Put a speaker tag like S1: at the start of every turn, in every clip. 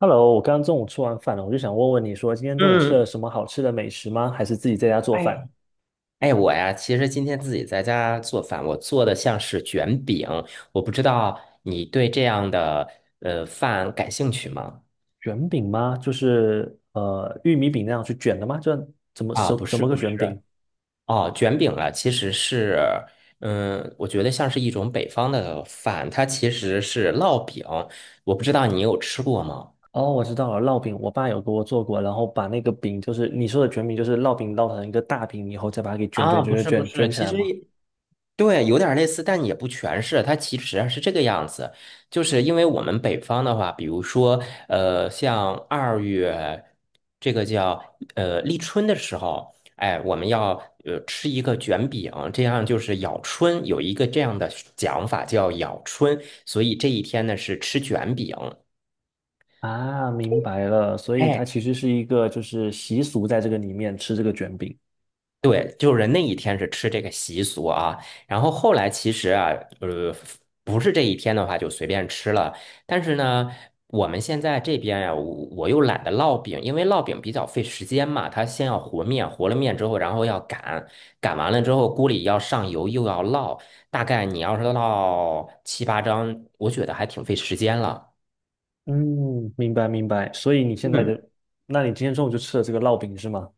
S1: Hello，我刚刚中午吃完饭了，我就想问问你说，今天中午吃了
S2: 嗯，
S1: 什么好吃的美食吗？还是自己在家做
S2: 哎呀，
S1: 饭？
S2: 哎，我呀，其实今天自己在家做饭，我做的像是卷饼，我不知道你对这样的饭感兴趣吗？
S1: 卷饼吗？就是玉米饼那样去卷的吗？就怎么
S2: 啊，
S1: 什
S2: 不
S1: 怎
S2: 是
S1: 么个
S2: 不是，
S1: 卷饼？
S2: 哦，卷饼啊，其实是，嗯，我觉得像是一种北方的饭，它其实是烙饼，我不知道你有吃过吗？
S1: 哦，我知道了，烙饼，我爸有给我做过，然后把那个饼，就是你说的卷饼，就是烙饼烙成一个大饼以后，再把它给卷卷
S2: 啊，
S1: 卷
S2: 不
S1: 卷
S2: 是不
S1: 卷
S2: 是，
S1: 卷起
S2: 其
S1: 来
S2: 实
S1: 嘛。
S2: 也对，有点类似，但也不全是。它其实是这个样子，就是因为我们北方的话，比如说，像二月这个叫立春的时候，哎，我们要吃一个卷饼，这样就是咬春，有一个这样的讲法叫咬春，所以这一天呢是吃卷饼。
S1: 啊，明白了，所以它
S2: 哎，
S1: 其实是一个就是习俗，在这个里面吃这个卷饼。
S2: 对，就是那一天是吃这个习俗啊，然后后来其实啊，呃，不是这一天的话就随便吃了，但是呢，我们现在这边呀、我又懒得烙饼，因为烙饼比较费时间嘛，它先要和面，和了面之后，然后要擀，擀完了之后锅里要上油，又要烙，大概你要是烙七八张，我觉得还挺费时间了。
S1: 嗯，明白明白。所以你现在
S2: 嗯。
S1: 的，那你今天中午就吃了这个烙饼是吗？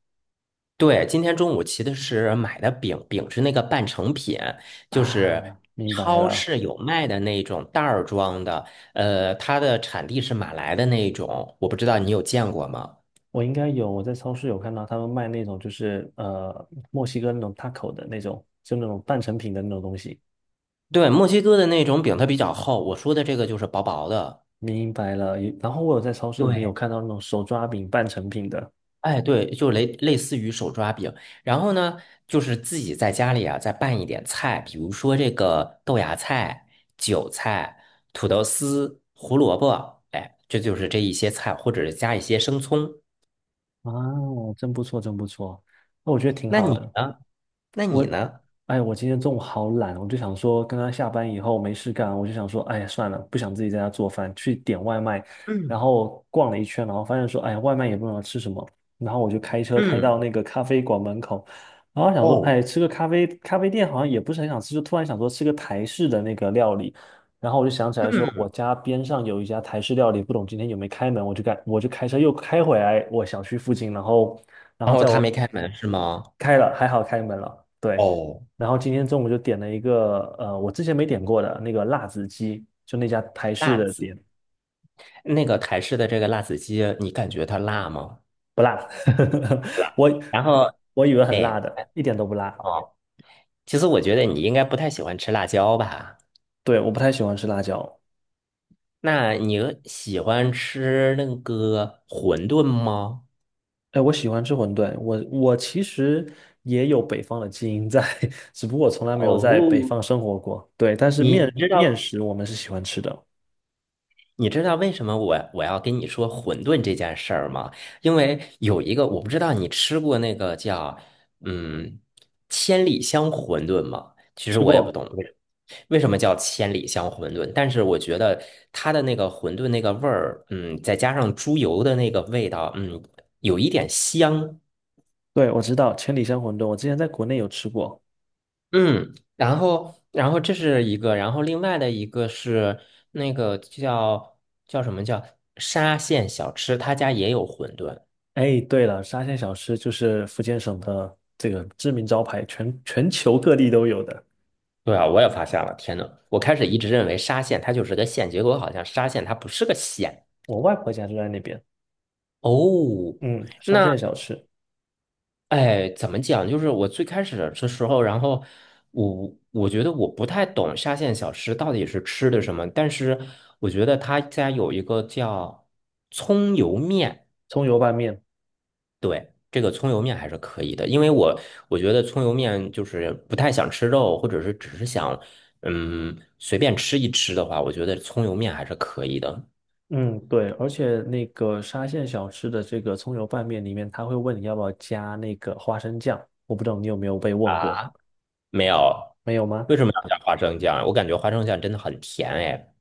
S2: 对，今天中午骑的是买的饼，饼是那个半成品，就是
S1: 啊，明白
S2: 超
S1: 了。
S2: 市有卖的那种袋儿装的，它的产地是马来的那种，我不知道你有见过吗？
S1: 我应该有，我在超市有看到他们卖那种，就是，墨西哥那种 taco 的那种，就那种半成品的那种东西。
S2: 对，墨西哥的那种饼它比较厚，我说的这个就是薄薄的。
S1: 明白了。也然后我有在超市里面有
S2: 对，
S1: 看到那种手抓饼半成品的。
S2: 哎，对，就类似于手抓饼，然后呢，就是自己在家里啊，再拌一点菜，比如说这个豆芽菜、韭菜、土豆丝、胡萝卜，哎，这就是这一些菜，或者是加一些生葱。
S1: 啊，真不错，真不错。那我觉得挺
S2: 那
S1: 好
S2: 你
S1: 的。
S2: 呢？那你呢？
S1: 哎，我今天中午好懒，我就想说，刚刚下班以后没事干，我就想说，哎呀，算了，不想自己在家做饭，去点外卖。然后逛了一圈，然后发现说，哎呀，外卖也不知道吃什么。然后我就开车开到
S2: 嗯，
S1: 那个咖啡馆门口，然后想说，
S2: 哦，
S1: 哎，吃个咖啡，咖啡店好像也不是很想吃，就突然想说吃个台式的那个料理。然后我就想起来说，我家边上有一家台式料理，不懂今天有没开门，我就开车又开回来我小区附近，然后然后
S2: 然后
S1: 在
S2: 他
S1: 我
S2: 没开门是吗？
S1: 开了，还好开门了，对。
S2: 哦，
S1: 然后今天中午就点了一个，我之前没点过的那个辣子鸡，就那家台式
S2: 辣
S1: 的
S2: 子，
S1: 店，
S2: 那个台式的这个辣子鸡，你感觉它辣吗？
S1: 不辣，
S2: 辣。
S1: 我
S2: 然后，
S1: 我以为很辣
S2: 哎，
S1: 的，一点都不辣。
S2: 哦，其实我觉得你应该不太喜欢吃辣椒吧。
S1: 对，我不太喜欢吃辣椒，
S2: 那你喜欢吃那个馄饨吗？
S1: 哎，我喜欢吃馄饨，我其实也有北方的基因在，只不过我从来没有在北
S2: 哦，
S1: 方生活过。对，但是
S2: 你你
S1: 面
S2: 知
S1: 面
S2: 道
S1: 食我们是喜欢吃的，
S2: 你知道为什么我要跟你说馄饨这件事儿吗？因为有一个我不知道你吃过那个叫嗯千里香馄饨吗？其实
S1: 吃
S2: 我也不
S1: 过，
S2: 懂为什么叫千里香馄饨，但是我觉得它的那个馄饨那个味儿，再加上猪油的那个味道，有一点香。
S1: 对，我知道千里香馄饨，我之前在国内有吃过。
S2: 嗯，然后，这是一个，然后另外的一个是那个叫叫什么叫沙县小吃，他家也有馄饨。
S1: 哎，对了，沙县小吃就是福建省的这个知名招牌，全球各地都有的。
S2: 对啊，我也发现了，天呐，我开始一直认为沙县它就是个县，结果好像沙县它不是个县。
S1: 我外婆家就在那边。
S2: 哦，
S1: 嗯，沙县
S2: 那
S1: 小吃，
S2: 哎，怎么讲？就是我最开始的时候，然后我觉得我不太懂沙县小吃到底是吃的什么，但是我觉得他家有一个叫葱油面。
S1: 葱油拌面。
S2: 对，这个葱油面还是可以的，因为我觉得葱油面就是不太想吃肉，或者是只是想随便吃一吃的话，我觉得葱油面还是可以的。
S1: 嗯，对，而且那个沙县小吃的这个葱油拌面里面，他会问你要不要加那个花生酱。我不知道你有没有被问过，
S2: 啊，没有，
S1: 没有吗？
S2: 为什么要加花生酱？我感觉花生酱真的很甜哎。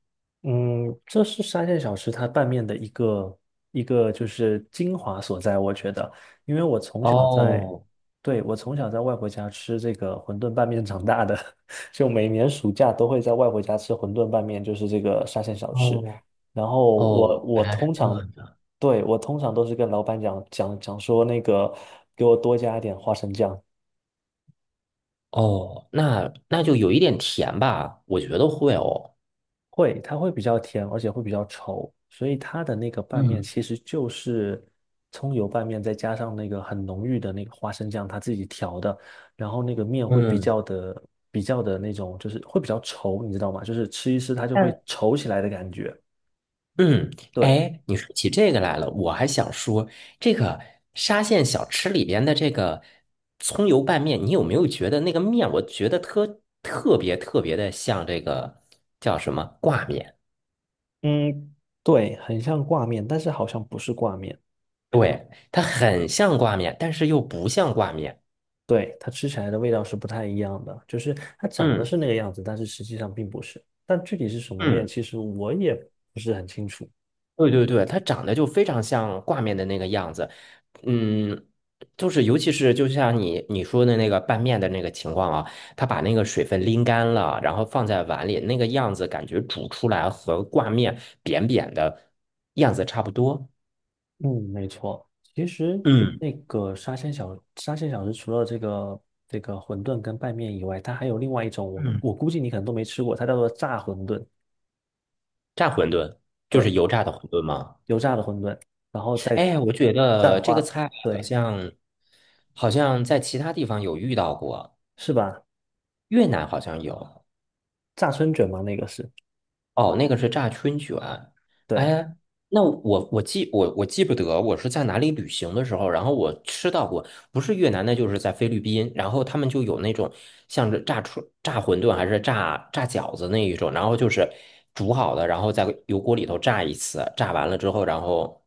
S1: 嗯，这是沙县小吃它拌面的一个就是精华所在，我觉得，因为我从小在，
S2: 哦
S1: 对，我从小在外婆家吃这个馄饨拌面长大的，就每年暑假都会在外婆家吃馄饨拌面，就是这个沙县小吃。
S2: 哦
S1: 然后
S2: 哦，
S1: 我
S2: 原来
S1: 通
S2: 是这
S1: 常，
S2: 样。
S1: 对，我通常都是跟老板讲说那个给我多加一点花生酱，
S2: 哦，那就有一点甜吧，我觉得会哦。
S1: 会，它会比较甜，而且会比较稠，所以它的那个拌面
S2: 嗯
S1: 其实就是葱油拌面，再加上那个很浓郁的那个花生酱，它自己调的，然后那个面会比
S2: 嗯。
S1: 较的比较的那种，就是会比较稠，你知道吗？就是吃一吃它就会稠起来的感觉。
S2: 嗯，
S1: 对，
S2: 哎，你说起这个来了，我还想说，这个沙县小吃里边的这个葱油拌面，你有没有觉得那个面，我觉得特别特别的像这个叫什么挂面？
S1: 嗯，对，很像挂面，但是好像不是挂面。
S2: 对，它很像挂面，但是又不像挂面。
S1: 对，它吃起来的味道是不太一样的，就是它长得
S2: 嗯
S1: 是那个样子，但是实际上并不是。但具体是什么面，
S2: 嗯。
S1: 其实我也不是很清楚。
S2: 对对对，它长得就非常像挂面的那个样子，嗯，就是尤其是就像你说的那个拌面的那个情况啊，它把那个水分拎干了，然后放在碗里，那个样子感觉煮出来和挂面扁扁的样子差不多。
S1: 嗯，没错。其实
S2: 嗯
S1: 那个沙县小吃，除了这个馄饨跟拌面以外，它还有另外一种，我
S2: 嗯，
S1: 我估计你可能都没吃过，它叫做炸馄饨，
S2: 炸馄饨就是
S1: 对，
S2: 油炸的馄饨吗？
S1: 油炸的馄饨，然后再
S2: 哎，我觉
S1: 蘸
S2: 得这
S1: 花，
S2: 个菜好
S1: 对，
S2: 像好像在其他地方有遇到过，
S1: 是吧？
S2: 越南好像有。
S1: 炸春卷嘛，那个是，
S2: 哦，那个是炸春卷。
S1: 对。
S2: 哎，那我记不得我是在哪里旅行的时候，然后我吃到过，不是越南那就是在菲律宾，然后他们就有那种像是炸馄饨还是炸饺子那一种，然后就是煮好的，然后在油锅里头炸一次，炸完了之后，然后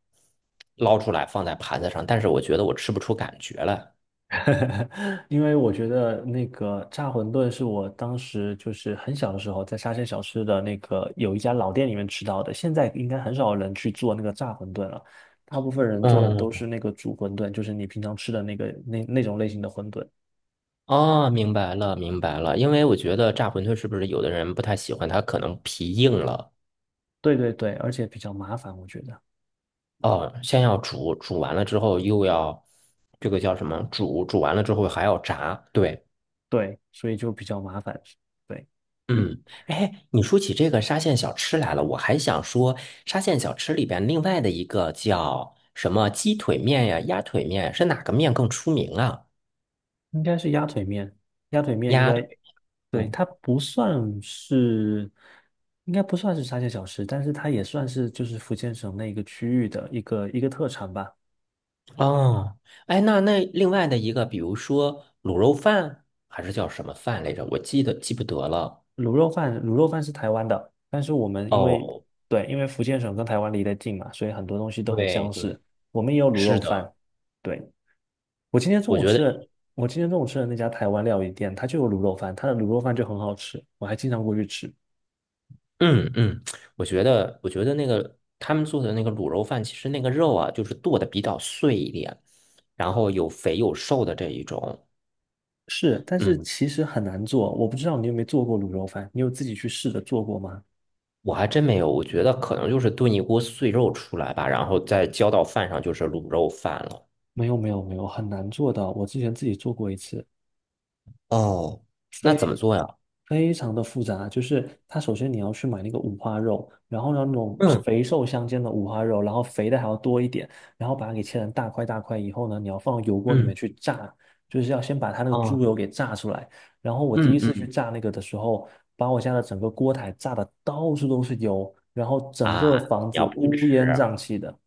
S2: 捞出来放在盘子上，但是我觉得我吃不出感觉来。
S1: 因为我觉得那个炸馄饨是我当时就是很小的时候在沙县小吃的那个有一家老店里面吃到的，现在应该很少人去做那个炸馄饨了，大部分人做的
S2: 嗯，
S1: 都是那个煮馄饨，就是你平常吃的那个那种类型的馄饨。
S2: 哦，明白了，明白了，因为我觉得炸馄饨是不是有的人不太喜欢，它可能皮硬了。
S1: 对对对，而且比较麻烦，我觉得。
S2: 哦，先要煮，煮完了之后又要这个叫什么？煮，煮完了之后还要炸。对，
S1: 对，所以就比较麻烦。对。
S2: 嗯，哎，你说起这个沙县小吃来了，我还想说沙县小吃里边另外的一个叫什么鸡腿面呀、鸭腿面，是哪个面更出名啊？
S1: 应该是鸭腿面，鸭腿面应
S2: 鸭腿，
S1: 该，对，
S2: 嗯，
S1: 它不算是，应该不算是沙县小吃，但是它也算是就是福建省那个区域的一个特产吧。
S2: 哦，哎，那另外的一个，比如说卤肉饭还是叫什么饭来着？我记不得了。
S1: 卤肉饭，卤肉饭是台湾的，但是我们因为
S2: 哦，
S1: 对，因为福建省跟台湾离得近嘛，所以很多东西都很
S2: 对
S1: 相似。
S2: 对，
S1: 我们也有卤
S2: 是
S1: 肉
S2: 的。
S1: 饭，对，我今天中
S2: 我
S1: 午
S2: 觉得。
S1: 吃的，我今天中午吃的那家台湾料理店，它就有卤肉饭，它的卤肉饭就很好吃，我还经常过去吃。
S2: 嗯嗯，我觉得那个他们做的那个卤肉饭，其实那个肉啊，就是剁的比较碎一点，然后有肥有瘦的这一种。
S1: 是，但是
S2: 嗯，
S1: 其实很难做。我不知道你有没有做过卤肉饭，你有自己去试着做过吗？
S2: 我还真没有，我觉得可能就是炖一锅碎肉出来吧，然后再浇到饭上就是卤肉饭了。
S1: 没有，没有，没有，很难做的。我之前自己做过一次，
S2: 哦，那怎么做呀？
S1: 非常的复杂。就是它首先你要去买那个五花肉，然后呢那种
S2: 嗯
S1: 肥瘦相间的五花肉，然后肥的还要多一点，然后把它给切成大块大块以后呢，你要放油锅里面
S2: 嗯
S1: 去炸，就是要先把它那个猪
S2: 哦
S1: 油给炸出来。然后我第一
S2: 嗯
S1: 次去
S2: 嗯
S1: 炸那个的时候，把我家的整个锅台炸的到处都是油，然后整个
S2: 啊，
S1: 房
S2: 你
S1: 子
S2: 要不
S1: 乌烟瘴
S2: 吃？
S1: 气的。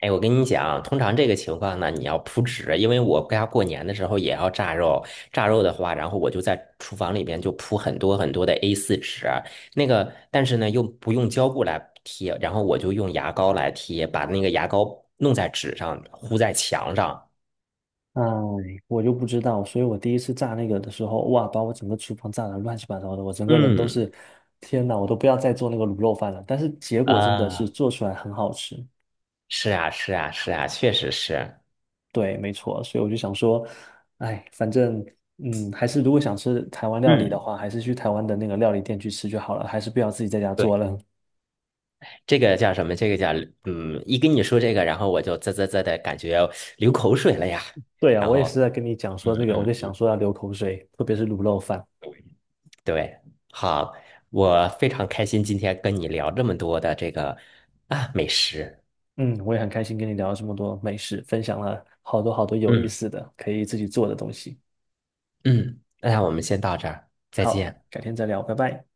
S2: 哎，我跟你讲啊，通常这个情况呢，你要铺纸，因为我家过年的时候也要炸肉，炸肉的话，然后我就在厨房里边就铺很多很多的 A4 纸，那个，但是呢又不用胶布来贴，然后我就用牙膏来贴，把那个牙膏弄在纸上，糊在墙上。
S1: 哎，我就不知道，所以我第一次炸那个的时候，哇，把我整个厨房炸得乱七八糟的，我整个人都
S2: 嗯，
S1: 是，天哪，我都不要再做那个卤肉饭了。但是结果真的
S2: 啊，
S1: 是做出来很好吃，
S2: 是啊，是啊，是啊，确实是。
S1: 对，没错，所以我就想说，哎，反正，嗯，还是如果想吃台湾料理的
S2: 嗯，
S1: 话，还是去台湾的那个料理店去吃就好了，还是不要自己在家做
S2: 对，
S1: 了。
S2: 这个叫什么？这个叫一跟你说这个，然后我就啧啧啧的感觉流口水了呀，
S1: 对呀，
S2: 然
S1: 我也是
S2: 后。
S1: 在跟你讲
S2: 嗯
S1: 说这个，我就
S2: 嗯
S1: 想说要流口水，特别是卤肉饭。
S2: 对，好，我非常开心今天跟你聊这么多的这个啊美食。
S1: 嗯，我也很开心跟你聊了这么多美食，分享了好多好多有意
S2: 嗯
S1: 思的，可以自己做的东西。
S2: 嗯，那我们先到这儿，再
S1: 好，
S2: 见。
S1: 改天再聊，拜拜。